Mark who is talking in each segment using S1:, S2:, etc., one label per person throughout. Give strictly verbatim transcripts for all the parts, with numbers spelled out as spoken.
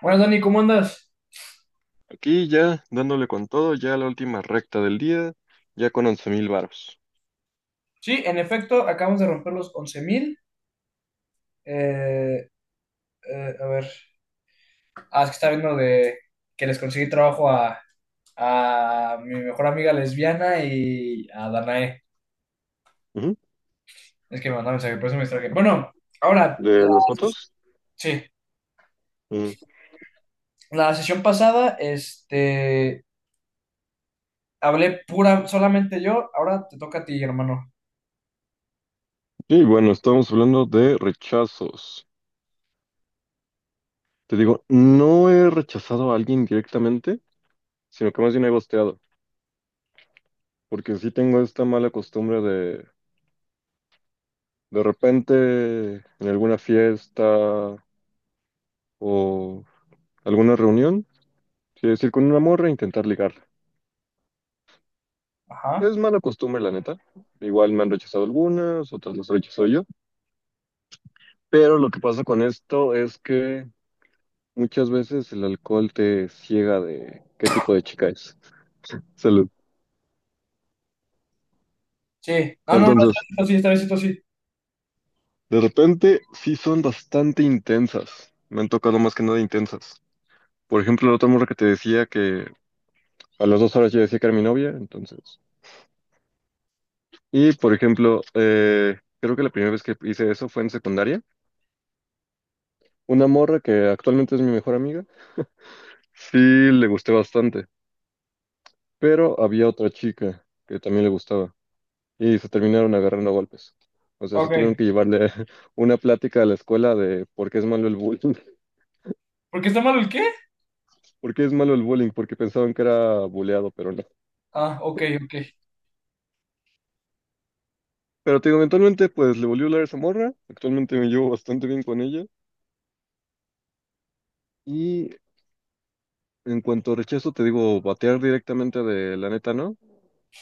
S1: Buenas, Dani, ¿cómo andas?
S2: Aquí ya dándole con todo, ya la última recta del día, ya con once mil varos.
S1: Sí, en efecto, acabamos de romper los once mil. Eh, eh, a ver, ah, es que estaba viendo de que les conseguí trabajo a, a mi mejor amiga lesbiana y a Danae.
S2: Ujú.
S1: Es que me mandó mensaje, por eso me distraje. Bueno, ahora, la-
S2: ¿De las fotos?
S1: sí,
S2: Mm.
S1: la sesión pasada, este, hablé pura, solamente yo, ahora te toca a ti, hermano.
S2: Y bueno, estamos hablando de rechazos. Te digo, no he rechazado a alguien directamente, sino que más bien he ghosteado, porque sí tengo esta mala costumbre de de repente en alguna fiesta o alguna reunión, quiero decir, con una morra intentar ligarla.
S1: Ajá,
S2: Es mala costumbre, la neta. Igual me han rechazado algunas, otras las rechazo yo. Pero lo que pasa con esto es que muchas veces el alcohol te ciega de qué tipo de chica es. Salud.
S1: sí. No, no, no,
S2: Entonces,
S1: esta vez sí, esta vez sí, esta vez sí.
S2: de repente sí son bastante intensas. Me han tocado más que nada intensas. Por ejemplo, la otra morra que te decía que a las dos horas ya decía que era mi novia, entonces. Y por ejemplo, eh, creo que la primera vez que hice eso fue en secundaria. Una morra que actualmente es mi mejor amiga, sí le gusté bastante, pero había otra chica que también le gustaba, y se terminaron agarrando a golpes. O sea, sí tuvieron
S1: Ok.
S2: que llevarle una plática a la escuela de por qué es malo el bullying.
S1: ¿Por qué está malo el qué?
S2: ¿Por qué es malo el bullying? Porque pensaban que era buleado, pero no.
S1: Ah, ok, ok.
S2: Pero te digo, eventualmente pues le volvió a hablar a esa morra. Actualmente me llevo bastante bien con ella. Y en cuanto a rechazo, te digo, batear directamente de la neta, ¿no?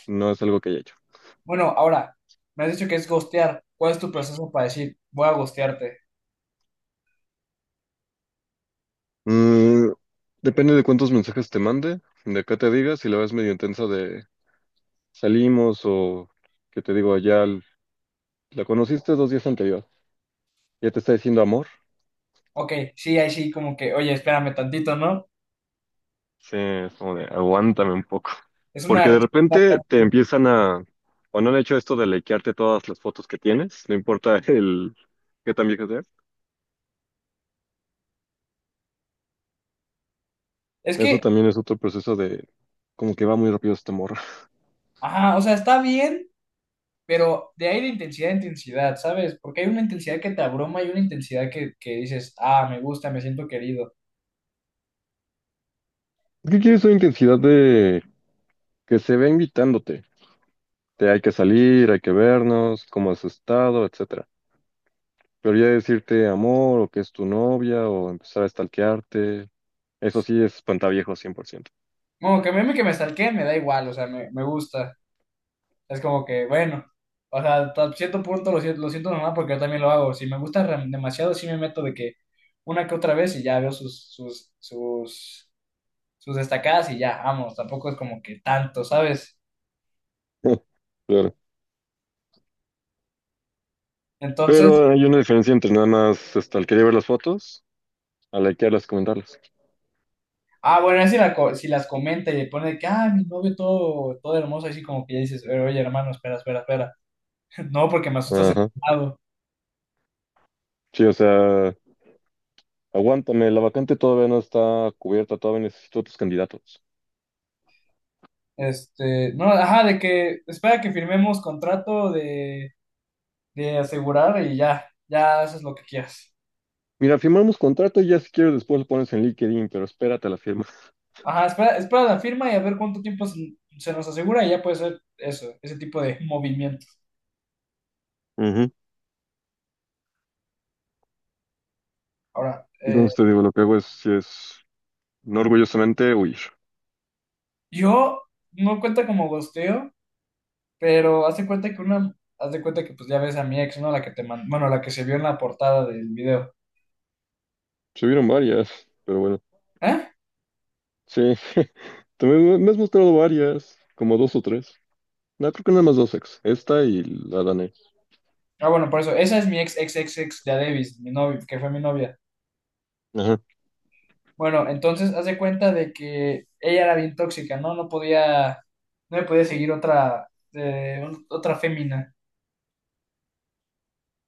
S2: No es algo que haya hecho.
S1: Bueno, ahora, me has dicho que es ghostear. ¿Cuál es tu proceso para decir, voy a ghostearte?
S2: Mm, depende de cuántos mensajes te mande, de qué te diga, si la ves medio intensa de salimos o que te digo, ya l- la conociste dos días anterior. Ya te está diciendo amor.
S1: Ok, sí, ahí sí, como que, oye, espérame tantito, ¿no?
S2: Sí, es como de, aguántame un poco.
S1: Es una
S2: Porque de repente
S1: respuesta-.
S2: te empiezan a, o no han hecho esto de likearte todas las fotos que tienes, no importa el qué tan viejo sea.
S1: Es
S2: Eso
S1: que,
S2: también es otro proceso de, como que va muy rápido este morro.
S1: ajá, o sea, está bien, pero de ahí de intensidad a intensidad, ¿sabes? Porque hay una intensidad que te abruma y una intensidad que, que dices, ah, me gusta, me siento querido.
S2: ¿Qué quieres una intensidad de que se vea invitándote? Te hay que salir, hay que vernos, cómo has estado, etcétera. Pero ya decirte amor, o que es tu novia, o empezar a stalkearte, eso sí es espantaviejo cien por ciento.
S1: Bueno, que a mí que me stalkeen, me da igual, o sea, me, me gusta. Es como que, bueno, o sea, hasta cierto punto lo siento, lo siento normal porque yo también lo hago. Si me gusta re- demasiado, sí me meto de que una que otra vez y ya veo sus, sus, sus, sus destacadas y ya, vamos, tampoco es como que tanto, ¿sabes? Entonces,
S2: Pero hay una diferencia entre nada más este, al querer ver las fotos, a likearlas, comentarlas.
S1: ah, bueno, si, la co- si las comenta y le pone de que, ah, mi novio todo, todo hermoso, así como que ya dices, "Eh, oye, hermano, espera, espera, espera. No, porque me asustas el
S2: Ajá.
S1: lado.
S2: Sí, o sea, aguántame, la vacante todavía no está cubierta, todavía necesito otros candidatos.
S1: Este, no, ajá, de que espera que firmemos contrato de, de asegurar y ya, ya haces lo que quieras.
S2: Mira, firmamos contrato y ya si quieres después lo pones en LinkedIn, pero espérate a la firma.
S1: Ajá, espera, espera la firma y a ver cuánto tiempo se, se nos asegura y ya puede ser eso, ese tipo de movimiento.
S2: Ujú.
S1: Ahora, eh,
S2: Entonces te digo, lo que hago es, sí es, no orgullosamente, huir.
S1: yo no cuenta como gosteo, pero haz de cuenta que una, haz de cuenta que pues ya ves a mi ex, ¿no? La que te mandó, bueno, la que se vio en la portada del video.
S2: Se vieron varias, pero bueno.
S1: ¿Eh?
S2: Sí, también me me has mostrado varias, como dos o tres. No, creo que nada más dos ex. Esta y la danés.
S1: Ah, bueno, por eso, esa es mi ex, ex, ex, ex, ya Davis, mi novia, que fue mi novia.
S2: Ajá.
S1: Bueno, entonces haz de cuenta de que ella era bien tóxica, ¿no? No podía, no me podía seguir otra, eh, un- otra fémina.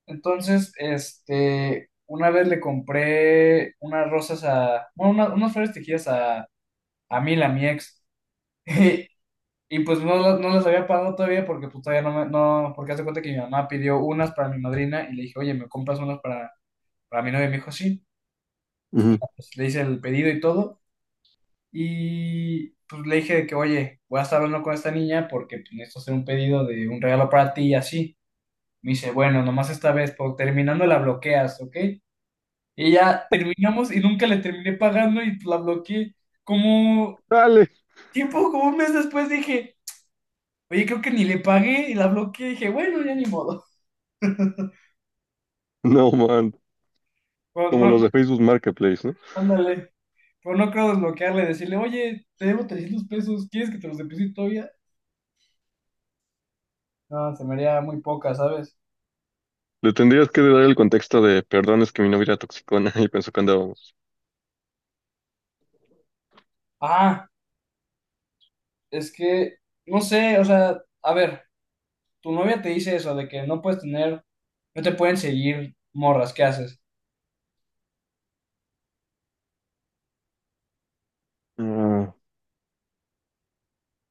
S1: Entonces, este, una vez le compré unas rosas a, bueno, una- unas flores tejidas a, a Mila, mi ex, y, y pues no, las- no las había pagado todavía porque pues todavía no me, no, porque hace cuenta que mi mamá pidió unas para mi madrina y le dije, oye, ¿me compras unas para, para mi novia? Y me dijo, sí,
S2: Ujú.
S1: pues le hice el pedido y todo, y pues le dije de que, oye, voy a estar hablando con esta niña porque pues, necesito hacer un pedido de un regalo para ti y así. Me dice, bueno, nomás esta vez, por terminando la bloqueas, ¿ok? Y ya, terminamos y nunca le terminé pagando y la bloqueé. Como
S2: Dale.
S1: tiempo, como un mes después dije, oye, creo que ni le pagué y la bloqueé. Dije, bueno, ya ni modo.
S2: No, man.
S1: Pero
S2: Como
S1: no,
S2: los de
S1: no,
S2: Facebook Marketplace, ¿no?
S1: ándale. Pero no creo desbloquearle, decirle, oye, te debo trescientos pesos, ¿quieres que te los deposite todavía? No, se me haría muy poca, ¿sabes?
S2: Le tendrías que dar el contexto de, perdón, es que mi novia era toxicona y pensó que andábamos.
S1: Ah, es que, no sé, o sea, a ver, tu novia te dice eso, de que no puedes tener, no te pueden seguir morras, ¿qué haces?
S2: Ah,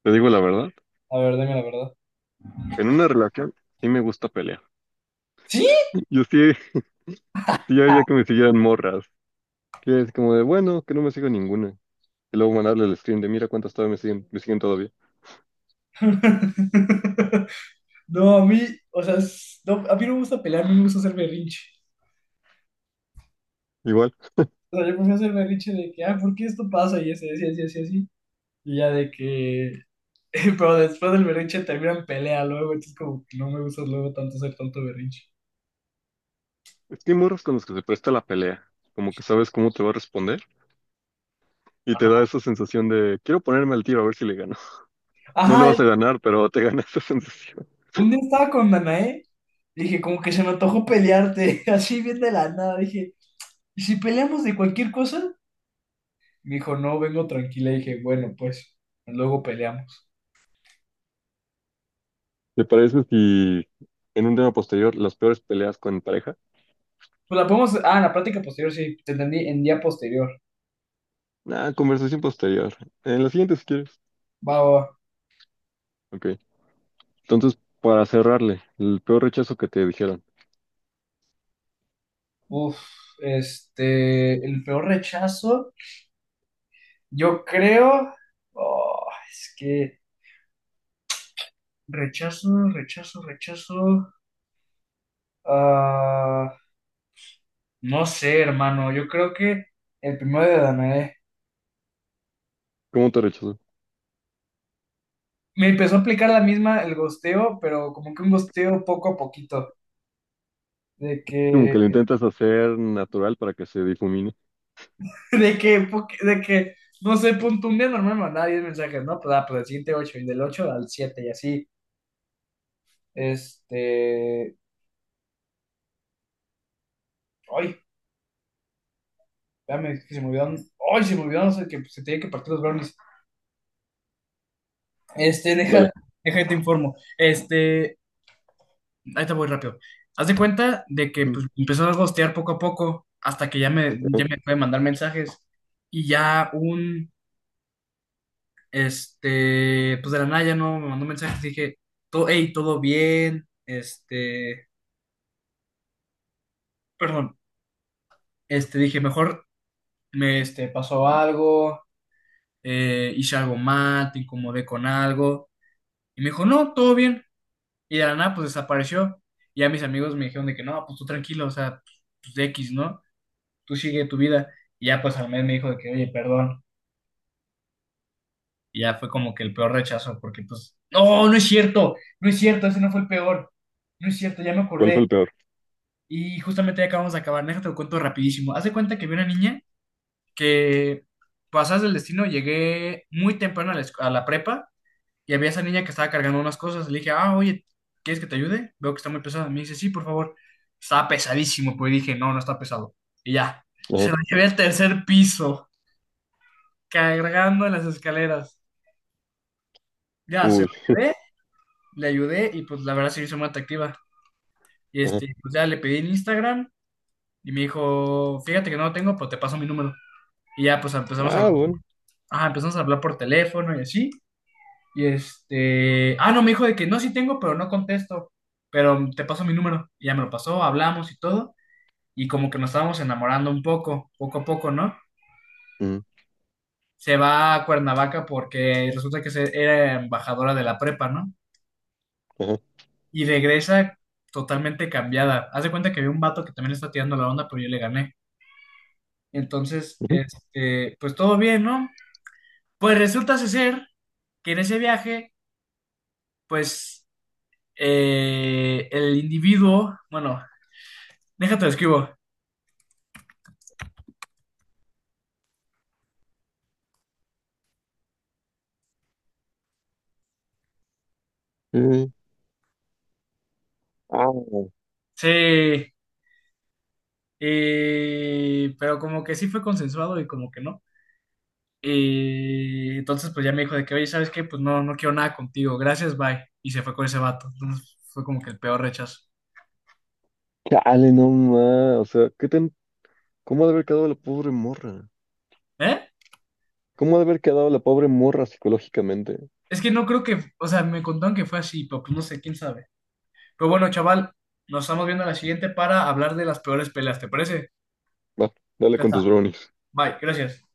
S2: te digo la verdad,
S1: A ver, dime la verdad.
S2: en una relación sí me gusta pelear.
S1: ¿Sí?
S2: Yo sí, sí haría que me siguieran morras, que es como de, bueno, que no me siga ninguna. Y luego mandarle el stream de, mira cuántas todavía me siguen, me siguen todavía.
S1: No, a mí, o sea, es- no, a mí no me gusta pelear, a mí me gusta hacer berrinche.
S2: Igual,
S1: O sea, yo prefiero hacer berrinche de que, ah, ¿por qué esto pasa? Y así, así, así, así, así. Y ya de que, pero después del berrinche terminan pelea luego, entonces como que no me gusta luego tanto hacer tanto berrinche.
S2: es que hay morras con los que se presta la pelea, como que sabes cómo te va a responder y te da esa sensación de, quiero ponerme al tiro a ver si le gano. No le
S1: Ajá,
S2: vas a ganar, pero te gana esa sensación.
S1: un día estaba con Danae, y dije, como que se me antojó pelearte, así bien de la nada, dije, ¿y si peleamos de cualquier cosa? Me dijo, no, vengo tranquila, dije, bueno, pues, luego peleamos.
S2: ¿Te parece si en un tema posterior las peores peleas con pareja?
S1: Pues la podemos. Ah, en la práctica posterior, sí, te entendí, en día posterior.
S2: Ah, conversación posterior. En la siguiente si quieres.
S1: Va, va, va.
S2: Ok. Entonces, para cerrarle, el peor rechazo que te dijeron.
S1: Uf, este. El peor rechazo, yo creo. Oh, es que. Rechazo, rechazo, rechazo. Ah, no sé, hermano. Yo creo que el primero de Danae.
S2: ¿Cómo te rechazó?
S1: Me empezó a aplicar la misma el gosteo, pero como que un gosteo poco a poquito. De
S2: Como
S1: que.
S2: que lo intentas hacer natural para que se difumine.
S1: De que. po- De que. No sé, punto un día normal mandaba diez mensajes, ¿no? Pues, ah, pues del siguiente ocho y del ocho al siete y así. Este. Ay, espérame, que se me olvidaron. Ay, se me olvidaron, o sea, que se tenía que partir los brownies. Este,
S2: Dale.
S1: deja, deja, que te informo. Este, ahí te voy rápido. Haz de cuenta de que
S2: Ujú.
S1: pues, empezó a gostear poco a poco, hasta que ya me,
S2: Ajá.
S1: ya me puede mandar mensajes. Y ya un, este, pues de la nada ya no me mandó mensajes. Dije, todo, hey, todo bien. Este, perdón, este, dije, mejor me este, pasó algo, eh, hice algo mal, te incomodé con algo. Y me dijo, no, todo bien. Y de la nada, pues desapareció. Y ya mis amigos me dijeron de que no, pues tú tranquilo, o sea, pues de X, ¿no? Tú sigue tu vida. Y ya, pues al mes me dijo de que, oye, perdón. Y ya fue como que el peor rechazo, porque pues, no, no es cierto, no es cierto, ese no fue el peor. No es cierto, ya me
S2: ¿Cuál fue
S1: acordé.
S2: el peor?
S1: Y justamente ya acabamos de acabar, déjate lo cuento rapidísimo. Haz de cuenta que vi una niña que, pasas del destino, llegué muy temprano a la, esc- a la prepa. Y había esa niña que estaba cargando unas cosas. Le dije, ah, oye, ¿quieres que te ayude? Veo que está muy pesada. Me dice, sí, por favor. Estaba pesadísimo, pues dije, no, no está pesado. Y ya,
S2: Ajá.
S1: se lo llevé al tercer piso, cargando en las escaleras. Ya, se lo
S2: Uy.
S1: llevé, le ayudé y pues la verdad se hizo muy atractiva. Y
S2: Ajá.
S1: este, pues ya le pedí en Instagram y me dijo, fíjate que no lo tengo, pues te paso mi número. Y ya, pues empezamos a,
S2: Ah,
S1: hablar.
S2: bueno.
S1: Ajá, empezamos a hablar por teléfono y así. Y este, ah, no, me dijo de que no, sí tengo, pero no contesto, pero te paso mi número. Y ya me lo pasó, hablamos y todo, y como que nos estábamos enamorando un poco, poco a poco, ¿no?
S2: Ujú.
S1: Se va a Cuernavaca porque resulta que se- era embajadora de la prepa, ¿no?
S2: Ajá.
S1: Y regresa totalmente cambiada. Haz de cuenta que había un vato que también está tirando la onda, pero yo le gané. Entonces,
S2: Ujú.
S1: este, pues todo bien, ¿no? Pues resulta ser que en ese viaje, pues eh, el individuo, bueno, déjate lo escribo.
S2: Eh, Ah,
S1: Sí, y- pero como que sí fue consensuado y como que no. Y entonces pues ya me dijo de que, oye, ¿sabes qué? Pues no, no quiero nada contigo, gracias, bye. Y se fue con ese vato. Entonces fue como que el peor rechazo.
S2: chale, no más. O sea, ¿qué tan... ¿cómo ha de haber quedado la pobre morra?
S1: ¿Eh?
S2: ¿Cómo ha de haber quedado la pobre morra psicológicamente?
S1: Es que no creo que, o sea, me contaron que fue así, pero pues no sé, quién sabe. Pero bueno, chaval, nos estamos viendo a la siguiente para hablar de las peores peleas, ¿te parece?
S2: Va, dale
S1: Ya
S2: con tus
S1: está,
S2: brownies.
S1: bye, gracias.